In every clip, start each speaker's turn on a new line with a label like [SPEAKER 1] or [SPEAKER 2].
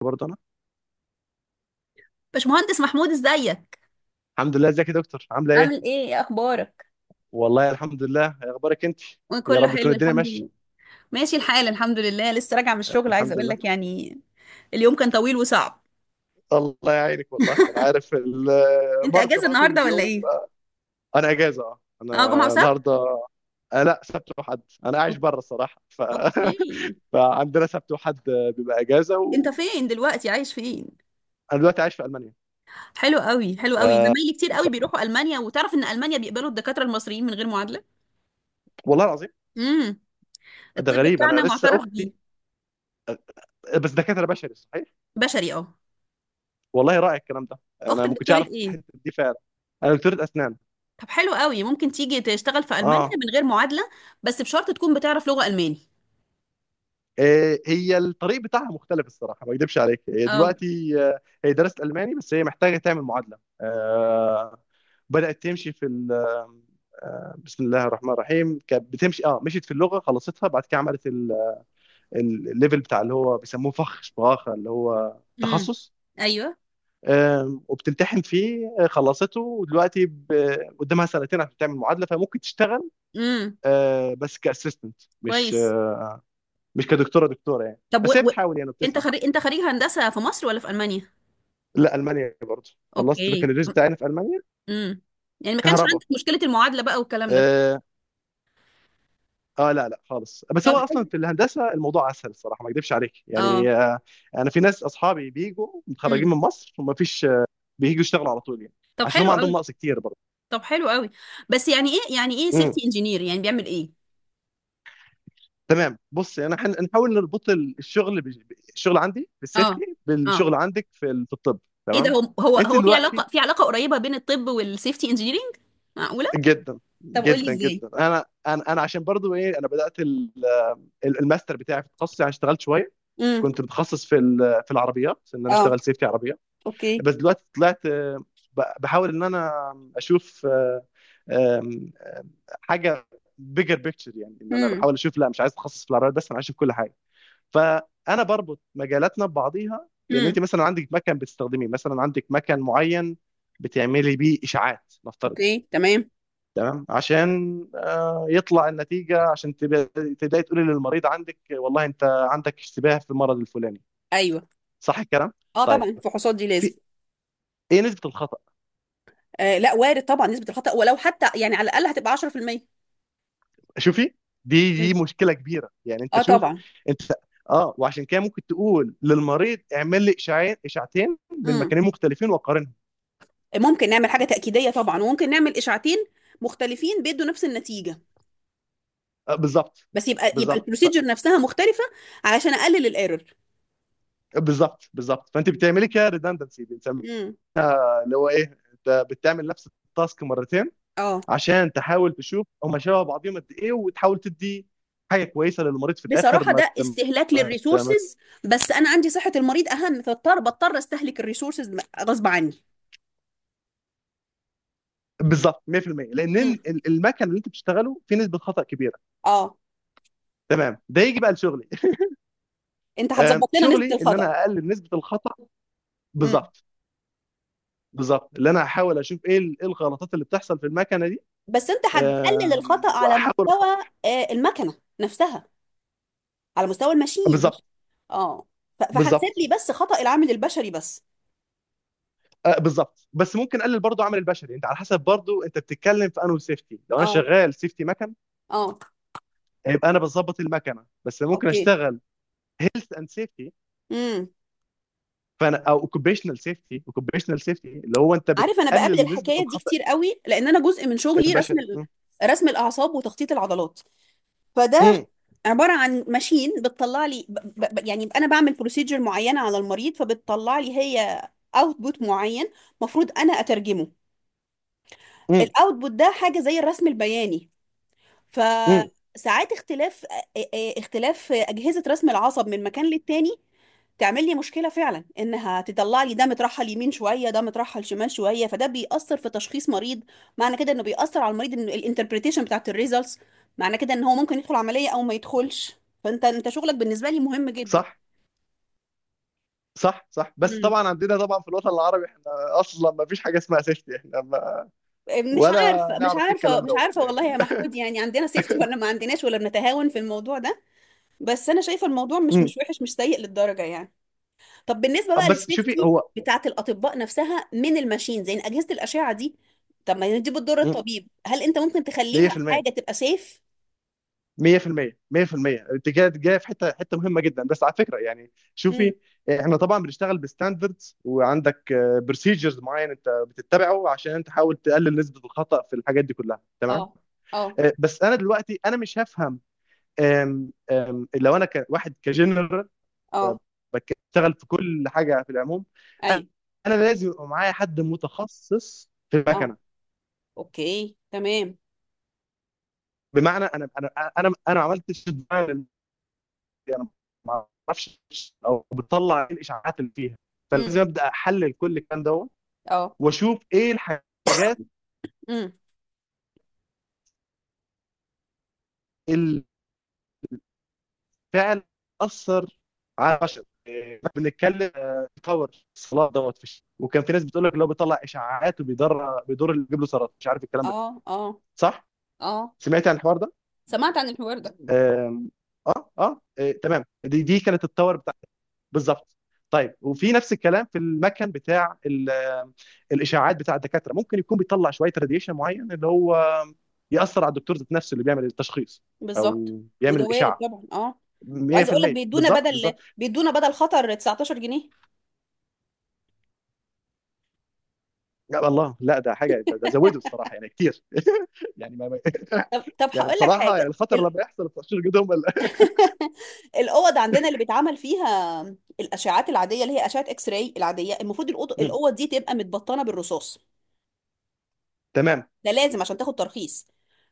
[SPEAKER 1] برضه انا.
[SPEAKER 2] باشمهندس محمود، ازيك؟
[SPEAKER 1] الحمد لله، ازيك يا دكتور؟ عامله
[SPEAKER 2] عامل
[SPEAKER 1] ايه؟
[SPEAKER 2] ايه؟ ايه اخبارك؟
[SPEAKER 1] والله الحمد لله، إيه اخبارك انت؟ يا
[SPEAKER 2] وكله
[SPEAKER 1] رب تكون
[SPEAKER 2] حلو،
[SPEAKER 1] الدنيا
[SPEAKER 2] الحمد لله.
[SPEAKER 1] ماشيه.
[SPEAKER 2] ماشي الحال، الحمد لله. لسه راجعه من الشغل، عايزه
[SPEAKER 1] الحمد
[SPEAKER 2] اقول
[SPEAKER 1] لله.
[SPEAKER 2] لك يعني اليوم كان طويل وصعب.
[SPEAKER 1] الله يعينك، والله انا عارف
[SPEAKER 2] انت
[SPEAKER 1] المرضى
[SPEAKER 2] اجازه
[SPEAKER 1] بقى طول
[SPEAKER 2] النهارده ولا
[SPEAKER 1] اليوم.
[SPEAKER 2] ايه؟
[SPEAKER 1] انا اجازه، اه
[SPEAKER 2] اه، جمعه
[SPEAKER 1] انا
[SPEAKER 2] وسبت.
[SPEAKER 1] النهارده. آه لا، سبت وحد. انا عايش
[SPEAKER 2] أوك-
[SPEAKER 1] بره الصراحه،
[SPEAKER 2] اوكي.
[SPEAKER 1] فعندنا سبت وحد بيبقى اجازه.
[SPEAKER 2] انت
[SPEAKER 1] وانا
[SPEAKER 2] فين دلوقتي؟ عايش فين؟
[SPEAKER 1] دلوقتي عايش في المانيا.
[SPEAKER 2] حلو قوي، حلو
[SPEAKER 1] ف...
[SPEAKER 2] قوي. زمايلي كتير
[SPEAKER 1] ف...
[SPEAKER 2] قوي بيروحوا المانيا، وتعرف ان المانيا بيقبلوا الدكاتره المصريين من غير معادله.
[SPEAKER 1] والله العظيم
[SPEAKER 2] امم
[SPEAKER 1] ده
[SPEAKER 2] الطب
[SPEAKER 1] غريب.
[SPEAKER 2] بتاعنا
[SPEAKER 1] انا لسه
[SPEAKER 2] معترف بيه.
[SPEAKER 1] اختي، بس دكاتره بشري صحيح.
[SPEAKER 2] بشري، اه.
[SPEAKER 1] والله رائع الكلام ده، انا
[SPEAKER 2] اختك
[SPEAKER 1] ما كنتش
[SPEAKER 2] دكتوره
[SPEAKER 1] اعرف
[SPEAKER 2] ايه؟
[SPEAKER 1] الحته دي فعلا. انا دكتوره اسنان.
[SPEAKER 2] طب حلو قوي، ممكن تيجي تشتغل في المانيا
[SPEAKER 1] اه،
[SPEAKER 2] من غير معادله، بس بشرط تكون بتعرف لغه الماني.
[SPEAKER 1] هي الطريق بتاعها مختلف الصراحه، ما اكدبش عليك. هي
[SPEAKER 2] اه.
[SPEAKER 1] دلوقتي هي درست الماني، بس هي محتاجه تعمل معادله. بدات تمشي في بسم الله الرحمن الرحيم. كانت بتمشي، اه مشيت في اللغه خلصتها، بعد كده عملت الليفل بتاع اللي هو بيسموه فخ شباخه، اللي هو
[SPEAKER 2] امم
[SPEAKER 1] تخصص.
[SPEAKER 2] ايوه.
[SPEAKER 1] وبتمتحن فيه. خلصته، ودلوقتي قدامها سنتين عشان تعمل معادله، فممكن تشتغل،
[SPEAKER 2] امم
[SPEAKER 1] بس كاسيستنت،
[SPEAKER 2] كويس.
[SPEAKER 1] مش كدكتوره. دكتوره يعني،
[SPEAKER 2] طب
[SPEAKER 1] بس هي بتحاول، يعني
[SPEAKER 2] انت
[SPEAKER 1] بتسعى.
[SPEAKER 2] خريج، هندسة في مصر ولا في ألمانيا؟
[SPEAKER 1] لا، المانيا. خلصت
[SPEAKER 2] اوكي.
[SPEAKER 1] بكالوريوس بتاعنا في المانيا.
[SPEAKER 2] امم يعني ما كانش
[SPEAKER 1] كهرباء.
[SPEAKER 2] عندك مشكلة المعادلة بقى والكلام ده؟
[SPEAKER 1] اه. لا لا خالص، بس هو
[SPEAKER 2] طب
[SPEAKER 1] اصلا
[SPEAKER 2] حلو.
[SPEAKER 1] في الهندسه الموضوع اسهل الصراحه، ما اكذبش عليك يعني.
[SPEAKER 2] اه.
[SPEAKER 1] آه، انا في ناس اصحابي بيجوا متخرجين
[SPEAKER 2] امم
[SPEAKER 1] من مصر وما فيش بييجوا يشتغلوا على طول يعني.
[SPEAKER 2] طب
[SPEAKER 1] عشان هم
[SPEAKER 2] حلو
[SPEAKER 1] عندهم
[SPEAKER 2] قوي.
[SPEAKER 1] نقص كتير برضه.
[SPEAKER 2] طب حلو قوي. بس يعني ايه
[SPEAKER 1] امم،
[SPEAKER 2] سيفتي انجينير يعني بيعمل ايه؟
[SPEAKER 1] تمام. بص، انا هنحاول نربط الشغل الشغل عندي في
[SPEAKER 2] اه،
[SPEAKER 1] السيفتي
[SPEAKER 2] اه.
[SPEAKER 1] بالشغل عندك في في الطب.
[SPEAKER 2] ايه ده،
[SPEAKER 1] تمام.
[SPEAKER 2] هو هو
[SPEAKER 1] انت
[SPEAKER 2] هو في
[SPEAKER 1] دلوقتي
[SPEAKER 2] علاقة، قريبة بين الطب والسيفتي انجينيرنج؟ معقولة؟
[SPEAKER 1] جدا
[SPEAKER 2] طب قولي
[SPEAKER 1] جدا
[SPEAKER 2] ازاي.
[SPEAKER 1] جدا. انا انا عشان برضو ايه، انا بدات الماستر بتاعي في تخصصي، يعني اشتغلت شويه.
[SPEAKER 2] امم
[SPEAKER 1] كنت متخصص في في العربيات، ان انا
[SPEAKER 2] اه.
[SPEAKER 1] اشتغل سيفتي عربيه.
[SPEAKER 2] اوكي.
[SPEAKER 1] بس دلوقتي طلعت، بحاول ان انا اشوف آه، آم، حاجه بيجر بيكتشر، يعني ان انا
[SPEAKER 2] امم
[SPEAKER 1] بحاول اشوف. لا، مش عايز اتخصص في العربيات بس، انا عايز اشوف كل حاجه. فانا بربط مجالاتنا ببعضيها. بان انت
[SPEAKER 2] امم
[SPEAKER 1] مثلا عندك مكان بتستخدميه، مثلا عندك مكان معين بتعملي بيه اشاعات نفترض.
[SPEAKER 2] اوكي، تمام.
[SPEAKER 1] تمام. عشان يطلع النتيجه، عشان تبداي تقولي للمريض: عندك والله انت عندك اشتباه في المرض الفلاني.
[SPEAKER 2] ايوه.
[SPEAKER 1] صح الكلام؟
[SPEAKER 2] اه طبعا،
[SPEAKER 1] طيب،
[SPEAKER 2] الفحوصات دي لازم.
[SPEAKER 1] في ايه نسبة الخطأ؟
[SPEAKER 2] آه لا، وارد طبعا نسبة الخطأ، ولو حتى يعني على الأقل هتبقى 10%.
[SPEAKER 1] شوفي، دي
[SPEAKER 2] مم.
[SPEAKER 1] دي مشكلة كبيرة. يعني انت
[SPEAKER 2] اه
[SPEAKER 1] شوف
[SPEAKER 2] طبعا.
[SPEAKER 1] انت. اه، وعشان كده ممكن تقول للمريض: اعمل لي اشعاعين، اشعتين من
[SPEAKER 2] مم.
[SPEAKER 1] مكانين مختلفين وقارنهم.
[SPEAKER 2] ممكن نعمل حاجة تأكيدية طبعا، وممكن نعمل إشاعتين مختلفين بيدوا نفس النتيجة،
[SPEAKER 1] آه بالظبط
[SPEAKER 2] بس يبقى
[SPEAKER 1] بالظبط.
[SPEAKER 2] البروسيجر نفسها مختلفة علشان أقلل الإيرور.
[SPEAKER 1] بالظبط بالظبط. فانت بتعملي كده ريدندنسي بنسميها،
[SPEAKER 2] مم.
[SPEAKER 1] اللي هو ايه، انت بتعمل نفس التاسك مرتين
[SPEAKER 2] اه.
[SPEAKER 1] عشان تحاول تشوف هما شبه بعضهم قد ايه، وتحاول تدي حاجه كويسه للمريض في الاخر.
[SPEAKER 2] بصراحة
[SPEAKER 1] ما
[SPEAKER 2] ده
[SPEAKER 1] ت...
[SPEAKER 2] استهلاك
[SPEAKER 1] ما ت... ما ت...
[SPEAKER 2] للريسورسز، بس أنا عندي صحة المريض أهم، بضطر أستهلك الريسورسز غصب عني.
[SPEAKER 1] بالظبط 100%. لان
[SPEAKER 2] مم.
[SPEAKER 1] المكن اللي انت بتشتغله فيه نسبه خطا كبيره.
[SPEAKER 2] اه.
[SPEAKER 1] تمام، ده يجي بقى لشغلي.
[SPEAKER 2] أنت هتظبط لنا نسبة
[SPEAKER 1] شغلي ان
[SPEAKER 2] الخطأ.
[SPEAKER 1] انا اقلل نسبه الخطا.
[SPEAKER 2] مم.
[SPEAKER 1] بالظبط بالظبط، اللي انا هحاول اشوف ايه إيه الغلطات اللي بتحصل في المكنه دي،
[SPEAKER 2] بس أنت هتقلل الخطأ على
[SPEAKER 1] واحاول
[SPEAKER 2] مستوى
[SPEAKER 1] اصلحها.
[SPEAKER 2] المكنة نفسها، على مستوى الماشين.
[SPEAKER 1] بالظبط
[SPEAKER 2] اه. فهتسيب
[SPEAKER 1] بالظبط.
[SPEAKER 2] لي بس خطأ العامل البشري بس.
[SPEAKER 1] بالظبط، بس ممكن اقلل برضو عمل البشري. انت على حسب برضو انت بتتكلم في انو سيفتي، لو انا
[SPEAKER 2] اه،
[SPEAKER 1] شغال سيفتي مكن
[SPEAKER 2] اه.
[SPEAKER 1] يبقى انا بظبط المكنه، بس ممكن
[SPEAKER 2] اوكي.
[SPEAKER 1] اشتغل هيلث اند سيفتي،
[SPEAKER 2] امم
[SPEAKER 1] فانا او اوكوبيشنال سيفتي. اوكوبيشنال سيفتي اللي هو انت
[SPEAKER 2] عارف، انا بقابل
[SPEAKER 1] بتقلل نسبه
[SPEAKER 2] الحكايه دي
[SPEAKER 1] الخطا
[SPEAKER 2] كتير قوي، لان انا جزء من شغلي
[SPEAKER 1] البشري. م-
[SPEAKER 2] رسم الاعصاب وتخطيط العضلات. فده
[SPEAKER 1] م-
[SPEAKER 2] عباره عن ماشين بتطلع لي يعني انا بعمل بروسيجر معينه على المريض، فبتطلع لي هي اوتبوت معين مفروض انا اترجمه.
[SPEAKER 1] م-
[SPEAKER 2] الاوتبوت ده حاجه زي الرسم البياني.
[SPEAKER 1] م.
[SPEAKER 2] فساعات اختلاف اختلاف أجهزة رسم العصب من مكان للتاني تعمل لي مشكلة فعلا، انها تطلع لي ده مترحل يمين شوية، ده مترحل شمال شوية، فده بيأثر في تشخيص مريض. معنى كده انه بيأثر على المريض، ان الانتربريتيشن بتاعت الريزلتس، معنى كده ان هو ممكن يدخل عملية او ما يدخلش. فانت شغلك بالنسبة لي مهم جدا.
[SPEAKER 1] صح صح صح، بس
[SPEAKER 2] امم
[SPEAKER 1] طبعا عندنا، طبعا في الوطن العربي احنا اصلا ما فيش حاجه اسمها سيفتي. احنا ما
[SPEAKER 2] مش
[SPEAKER 1] ولا
[SPEAKER 2] عارفة، مش
[SPEAKER 1] نعرف ايه
[SPEAKER 2] عارفة،
[SPEAKER 1] الكلام
[SPEAKER 2] مش
[SPEAKER 1] دوت
[SPEAKER 2] عارفة
[SPEAKER 1] يعني.
[SPEAKER 2] والله يا محمود، يعني عندنا سيفتي ولا ما عندناش، ولا بنتهاون في الموضوع ده، بس انا شايفة الموضوع مش
[SPEAKER 1] مم.
[SPEAKER 2] مش وحش، مش سيء للدرجة يعني. طب بالنسبه بقى
[SPEAKER 1] بس شوفي
[SPEAKER 2] للسيفتي
[SPEAKER 1] هو.
[SPEAKER 2] بتاعه الاطباء نفسها من الماشينز، يعني اجهزه الاشعه دي، طب ما دي بتضر
[SPEAKER 1] مم.
[SPEAKER 2] الطبيب، هل انت ممكن تخليها
[SPEAKER 1] 100%
[SPEAKER 2] حاجه تبقى سيف؟
[SPEAKER 1] 100% 100%. انت كده جايه في حته مهمه جدا، بس على فكره يعني.
[SPEAKER 2] امم
[SPEAKER 1] شوفي، احنا طبعا بنشتغل بستاندردز، وعندك بروسيجرز معين انت بتتبعه عشان تحاول تقلل نسبه الخطا في الحاجات دي كلها. تمام.
[SPEAKER 2] اه، اه،
[SPEAKER 1] بس انا دلوقتي انا مش هفهم. آم، آم، لو انا كواحد كجنرال
[SPEAKER 2] اه.
[SPEAKER 1] بشتغل في كل حاجه في العموم،
[SPEAKER 2] ايوه.
[SPEAKER 1] انا لازم يبقى معايا حد متخصص في
[SPEAKER 2] اه.
[SPEAKER 1] المكنه.
[SPEAKER 2] اوكي، تمام.
[SPEAKER 1] بمعنى انا ما عملتش الديزاين، انا ما اعرفش او بطلع ايه الاشاعات اللي فيها،
[SPEAKER 2] امم
[SPEAKER 1] فلازم ابدا احلل كل الكلام ده
[SPEAKER 2] اه.
[SPEAKER 1] واشوف ايه الحاجات
[SPEAKER 2] امم
[SPEAKER 1] اللي فعلا اثر على البشر. بنتكلم كفر الصلاه دوت في الشتاء. وكان في ناس بتقول لك: لو بيطلع اشاعات وبيضر، بيضر اللي بيجيب له سرطان، مش عارف الكلام ده كله.
[SPEAKER 2] اه، اه،
[SPEAKER 1] صح؟
[SPEAKER 2] اه.
[SPEAKER 1] سمعت عن الحوار ده؟
[SPEAKER 2] سمعت عن الحوار ده.
[SPEAKER 1] آم، اه اه، تمام. دي كانت التاور بتاعتي بالظبط. طيب، وفي نفس الكلام في المكن بتاع ال- آه، الاشاعات بتاع الدكاتره، ممكن يكون بيطلع شويه راديشن معين اللي هو ياثر على الدكتور ذات نفسه اللي بيعمل التشخيص
[SPEAKER 2] بالظبط.
[SPEAKER 1] او بيعمل
[SPEAKER 2] وده وارد
[SPEAKER 1] الاشاعه.
[SPEAKER 2] طبعا، اه. وعايزه اقول لك
[SPEAKER 1] 100%
[SPEAKER 2] بيدونا
[SPEAKER 1] بالظبط
[SPEAKER 2] بدل،
[SPEAKER 1] بالظبط.
[SPEAKER 2] خطر 19 جنيه.
[SPEAKER 1] يا الله، لا ده حاجه، ده ده زوده الصراحه يعني كتير. يعني ما ما-
[SPEAKER 2] طب
[SPEAKER 1] يعني
[SPEAKER 2] هقول لك
[SPEAKER 1] بصراحه، يعني
[SPEAKER 2] حاجه.
[SPEAKER 1] الخطر لما يحصل التشخيص جدهم ولا-
[SPEAKER 2] الاوض عندنا اللي بيتعمل فيها الاشعاعات العاديه، اللي هي اشعه اكس راي العاديه، المفروض
[SPEAKER 1] مم.
[SPEAKER 2] الاوض دي تبقى متبطنه بالرصاص.
[SPEAKER 1] تمام
[SPEAKER 2] ده لازم عشان تاخد ترخيص.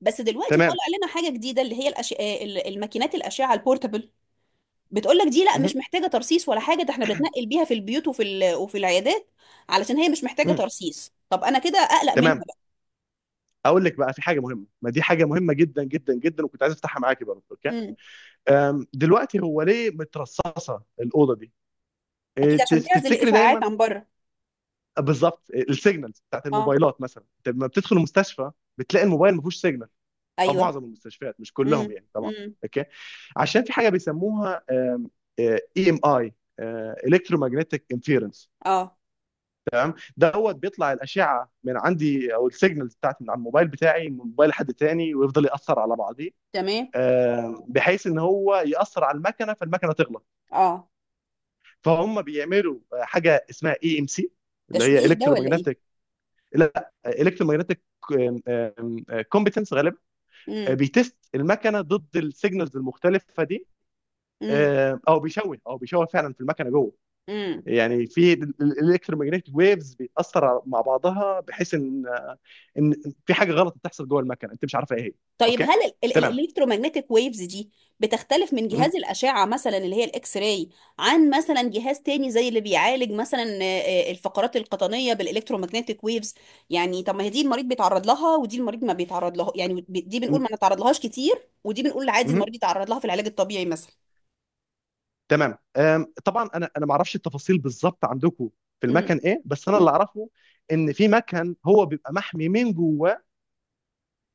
[SPEAKER 2] بس دلوقتي
[SPEAKER 1] تمام.
[SPEAKER 2] طالع لنا حاجه جديده اللي هي الماكينات الاشعه البورتابل. بتقول لك دي لا، مش
[SPEAKER 1] مهم.
[SPEAKER 2] محتاجه ترصيص ولا حاجه. ده احنا بنتنقل بيها في البيوت وفي العيادات، علشان هي مش محتاجه
[SPEAKER 1] مم.
[SPEAKER 2] ترصيص. طب انا كده اقلق منها
[SPEAKER 1] تمام.
[SPEAKER 2] بقى.
[SPEAKER 1] اقول لك بقى في حاجه مهمه، ما دي حاجه مهمه جدا جدا جدا، وكنت عايز افتحها معاكي برضه. اوكي.
[SPEAKER 2] امم
[SPEAKER 1] دلوقتي هو ليه مترصصه الاوضه دي؟
[SPEAKER 2] اكيد عشان تعزل
[SPEAKER 1] تفتكري
[SPEAKER 2] الاشعاعات
[SPEAKER 1] دايما؟
[SPEAKER 2] عن بره.
[SPEAKER 1] بالظبط. السيجنالز بتاعت
[SPEAKER 2] اه.
[SPEAKER 1] الموبايلات مثلا، انت لما بتدخل المستشفى بتلاقي الموبايل ما فيهوش سيجنال، او
[SPEAKER 2] ايوه.
[SPEAKER 1] معظم المستشفيات، مش كلهم
[SPEAKER 2] امم
[SPEAKER 1] يعني طبعا.
[SPEAKER 2] امم
[SPEAKER 1] اوكي. عشان في حاجه بيسموها اي ام اي، الكترومagnetic انفيرنس
[SPEAKER 2] اه،
[SPEAKER 1] دوت. بيطلع الاشعه من عندي، او السيجنالز بتاعت من على الموبايل بتاعي من موبايل حد تاني، ويفضل ياثر على بعضيه.
[SPEAKER 2] تمام.
[SPEAKER 1] بحيث ان هو ياثر على المكنه، فالمكنه تغلق.
[SPEAKER 2] اه.
[SPEAKER 1] فهم بيعملوا حاجه اسمها اي ام سي، اللي هي
[SPEAKER 2] تشويش ده ولا
[SPEAKER 1] الكترومagnetic، لا الكترومagnetic كومبتنس غالبا.
[SPEAKER 2] ايه؟
[SPEAKER 1] بيتست المكنه ضد السيجنالز المختلفه دي.
[SPEAKER 2] امم
[SPEAKER 1] او بيشوه فعلا في المكنه جوه،
[SPEAKER 2] امم
[SPEAKER 1] يعني في الالكترومagnetic ويفز بيتاثر على- مع بعضها، بحيث ان ان في حاجه غلط بتحصل جوه المكنه انت مش عارفه ايه هي.
[SPEAKER 2] طيب
[SPEAKER 1] اوكي
[SPEAKER 2] هل
[SPEAKER 1] تمام.
[SPEAKER 2] الالكترومagnetic ويفز دي بتختلف من
[SPEAKER 1] م-
[SPEAKER 2] جهاز الأشعة، مثلا اللي هي الإكس راي، عن مثلا جهاز تاني زي اللي بيعالج مثلا الفقرات القطنية بالالكترومagnetic ويفز؟ يعني طب ما هي دي المريض بيتعرض لها، ودي المريض ما بيتعرض لها، يعني دي بنقول ما
[SPEAKER 1] م-
[SPEAKER 2] نتعرض لهاش كتير، ودي بنقول عادي
[SPEAKER 1] م-
[SPEAKER 2] المريض يتعرض لها في العلاج الطبيعي مثلا.
[SPEAKER 1] تمام. طبعا انا ما اعرفش التفاصيل بالظبط عندكم في المكن
[SPEAKER 2] امم
[SPEAKER 1] ايه، بس انا اللي
[SPEAKER 2] امم
[SPEAKER 1] اعرفه ان في مكن هو بيبقى محمي من جوه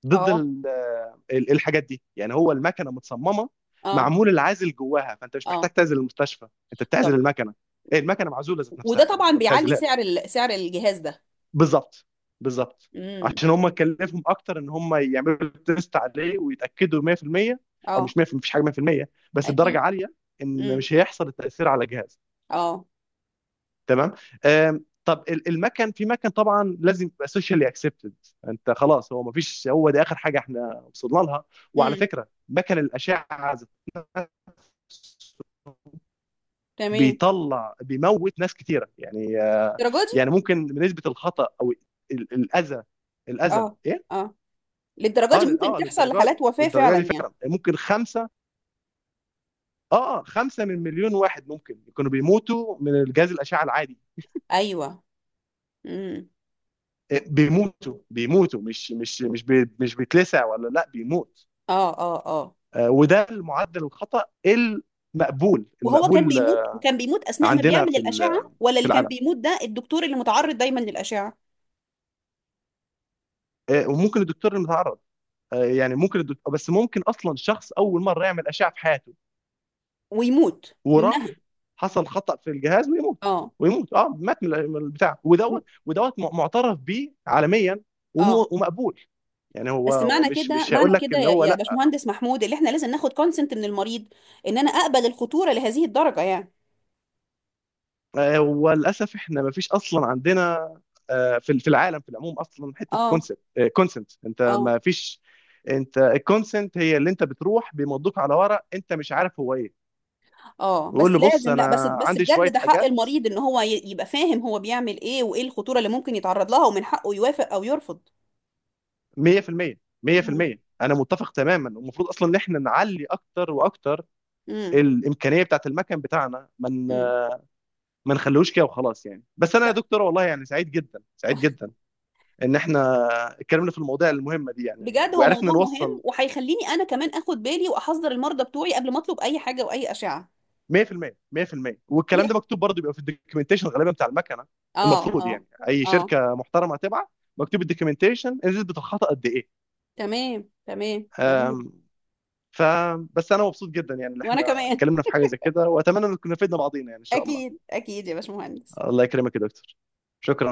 [SPEAKER 1] ضد
[SPEAKER 2] اه،
[SPEAKER 1] الحاجات دي، يعني هو المكنه متصممه
[SPEAKER 2] اه،
[SPEAKER 1] معمول العازل جواها، فانت مش محتاج
[SPEAKER 2] اه.
[SPEAKER 1] تعزل المستشفى، انت بتعزل
[SPEAKER 2] طب
[SPEAKER 1] المكنه. ايه، المكنه معزوله ذات نفسها،
[SPEAKER 2] وده
[SPEAKER 1] انت مش
[SPEAKER 2] طبعا
[SPEAKER 1] ما
[SPEAKER 2] بيعلي
[SPEAKER 1] بتعزلهاش.
[SPEAKER 2] سعر الجهاز ده.
[SPEAKER 1] بالظبط بالظبط.
[SPEAKER 2] امم
[SPEAKER 1] عشان هم كلفهم اكتر ان هم يعملوا تيست عليه ويتاكدوا 100%. او
[SPEAKER 2] اه.
[SPEAKER 1] مش 100%، مفيش حاجه 100%، بس بدرجه
[SPEAKER 2] اكيد.
[SPEAKER 1] عاليه ان
[SPEAKER 2] امم
[SPEAKER 1] مش هيحصل التاثير على جهاز.
[SPEAKER 2] اه.
[SPEAKER 1] تمام. طب المكن، في مكن طبعا لازم يبقى سوشيالي اكسبتد. انت خلاص، هو ما فيش، هو ده اخر حاجه احنا وصلنا لها. وعلى
[SPEAKER 2] امم
[SPEAKER 1] فكره مكن الاشعه ذات نفسه
[SPEAKER 2] تمام.
[SPEAKER 1] بيطلع، بيموت ناس كتيره يعني.
[SPEAKER 2] الدرجة دي؟
[SPEAKER 1] يعني ممكن نسبه الخطا او الاذى، الاذى
[SPEAKER 2] اه،
[SPEAKER 1] ايه؟
[SPEAKER 2] اه. للدرجة
[SPEAKER 1] اه
[SPEAKER 2] دي ممكن
[SPEAKER 1] اه
[SPEAKER 2] تحصل
[SPEAKER 1] للدرجه دي،
[SPEAKER 2] لحالات وفاة
[SPEAKER 1] للدرجه
[SPEAKER 2] فعلا
[SPEAKER 1] دي
[SPEAKER 2] يعني؟
[SPEAKER 1] فعلا يعني، ممكن خمسه، اه خمسه من مليون واحد ممكن يكونوا بيموتوا من الجهاز الاشعه العادي.
[SPEAKER 2] ايوه. امم
[SPEAKER 1] بيموتوا، بيموتوا، مش بيتلسع، ولا لا بيموت.
[SPEAKER 2] اه، اه، اه.
[SPEAKER 1] وده المعدل الخطا المقبول
[SPEAKER 2] وهو كان
[SPEAKER 1] المقبول
[SPEAKER 2] بيموت، اثناء ما
[SPEAKER 1] عندنا
[SPEAKER 2] بيعمل
[SPEAKER 1] في
[SPEAKER 2] الاشعة، ولا
[SPEAKER 1] في
[SPEAKER 2] اللي كان
[SPEAKER 1] العالم.
[SPEAKER 2] بيموت ده الدكتور اللي متعرض دايما للاشعة
[SPEAKER 1] وممكن الدكتور المتعرض، يعني ممكن الدكتور، بس ممكن اصلا شخص اول مره يعمل اشعه في حياته
[SPEAKER 2] ويموت منها؟
[SPEAKER 1] وراح، حصل خطا في الجهاز ويموت.
[SPEAKER 2] اه.
[SPEAKER 1] ويموت، اه، مات من البتاع،
[SPEAKER 2] م-
[SPEAKER 1] ودوت ودوت معترف بيه عالميا
[SPEAKER 2] اه.
[SPEAKER 1] ومقبول. يعني
[SPEAKER 2] بس
[SPEAKER 1] هو
[SPEAKER 2] معنى
[SPEAKER 1] مش
[SPEAKER 2] كده،
[SPEAKER 1] مش هيقول لك اللي
[SPEAKER 2] يا
[SPEAKER 1] هو.
[SPEAKER 2] يا باشمهندس محمود، اللي احنا لازم ناخد كونسنت من المريض ان انا اقبل الخطورة لهذه الدرجة يعني.
[SPEAKER 1] وللاسف احنا ما فيش اصلا عندنا في في العالم في العموم اصلا حته
[SPEAKER 2] اه،
[SPEAKER 1] كونسنت. كونسنت انت
[SPEAKER 2] اه،
[SPEAKER 1] ما فيش، انت الكونسنت هي اللي انت بتروح بيمضوك على ورق انت مش عارف هو ايه،
[SPEAKER 2] اه. بس
[SPEAKER 1] ويقول له بص
[SPEAKER 2] لازم، لا، بس
[SPEAKER 1] انا
[SPEAKER 2] بس
[SPEAKER 1] عندي شويه
[SPEAKER 2] بجد ده حق
[SPEAKER 1] حاجات.
[SPEAKER 2] المريض، ان هو يبقى فاهم هو بيعمل ايه وايه الخطورة اللي ممكن يتعرض لها، ومن حقه يوافق او يرفض.
[SPEAKER 1] 100%
[SPEAKER 2] امم
[SPEAKER 1] 100% انا متفق تماما. المفروض اصلا ان احنا نعلي اكتر واكتر
[SPEAKER 2] امم
[SPEAKER 1] الامكانيه بتاعت المكن بتاعنا، ما
[SPEAKER 2] امم
[SPEAKER 1] ما نخلوش كده وخلاص يعني. بس انا يا
[SPEAKER 2] لا.
[SPEAKER 1] دكتور، والله يعني سعيد جدا سعيد جدا ان احنا اتكلمنا في المواضيع المهمه دي يعني،
[SPEAKER 2] بجد هو
[SPEAKER 1] وعرفنا
[SPEAKER 2] موضوع مهم،
[SPEAKER 1] نوصل.
[SPEAKER 2] وهيخليني انا كمان اخد بالي واحذر المرضى بتوعي قبل ما اطلب اي حاجة واي اشعة.
[SPEAKER 1] 100% 100%. والكلام ده مكتوب برضه، بيبقى في الدوكيومنتيشن غالبا بتاع المكنه.
[SPEAKER 2] اه،
[SPEAKER 1] المفروض
[SPEAKER 2] اه،
[SPEAKER 1] يعني اي
[SPEAKER 2] اه.
[SPEAKER 1] شركه محترمه هتبعت مكتوب الدوكيومنتيشن نسبه الخطا قد ايه.
[SPEAKER 2] تمام، تمام، ضروري.
[SPEAKER 1] أم، ف بس انا مبسوط جدا يعني ان
[SPEAKER 2] وانا
[SPEAKER 1] احنا
[SPEAKER 2] كمان.
[SPEAKER 1] اتكلمنا في حاجه زي كده، واتمنى ان كنا فدنا بعضينا يعني ان شاء الله.
[SPEAKER 2] اكيد، اكيد يا باشمهندس.
[SPEAKER 1] الله يكرمك يا دكتور. شكرا.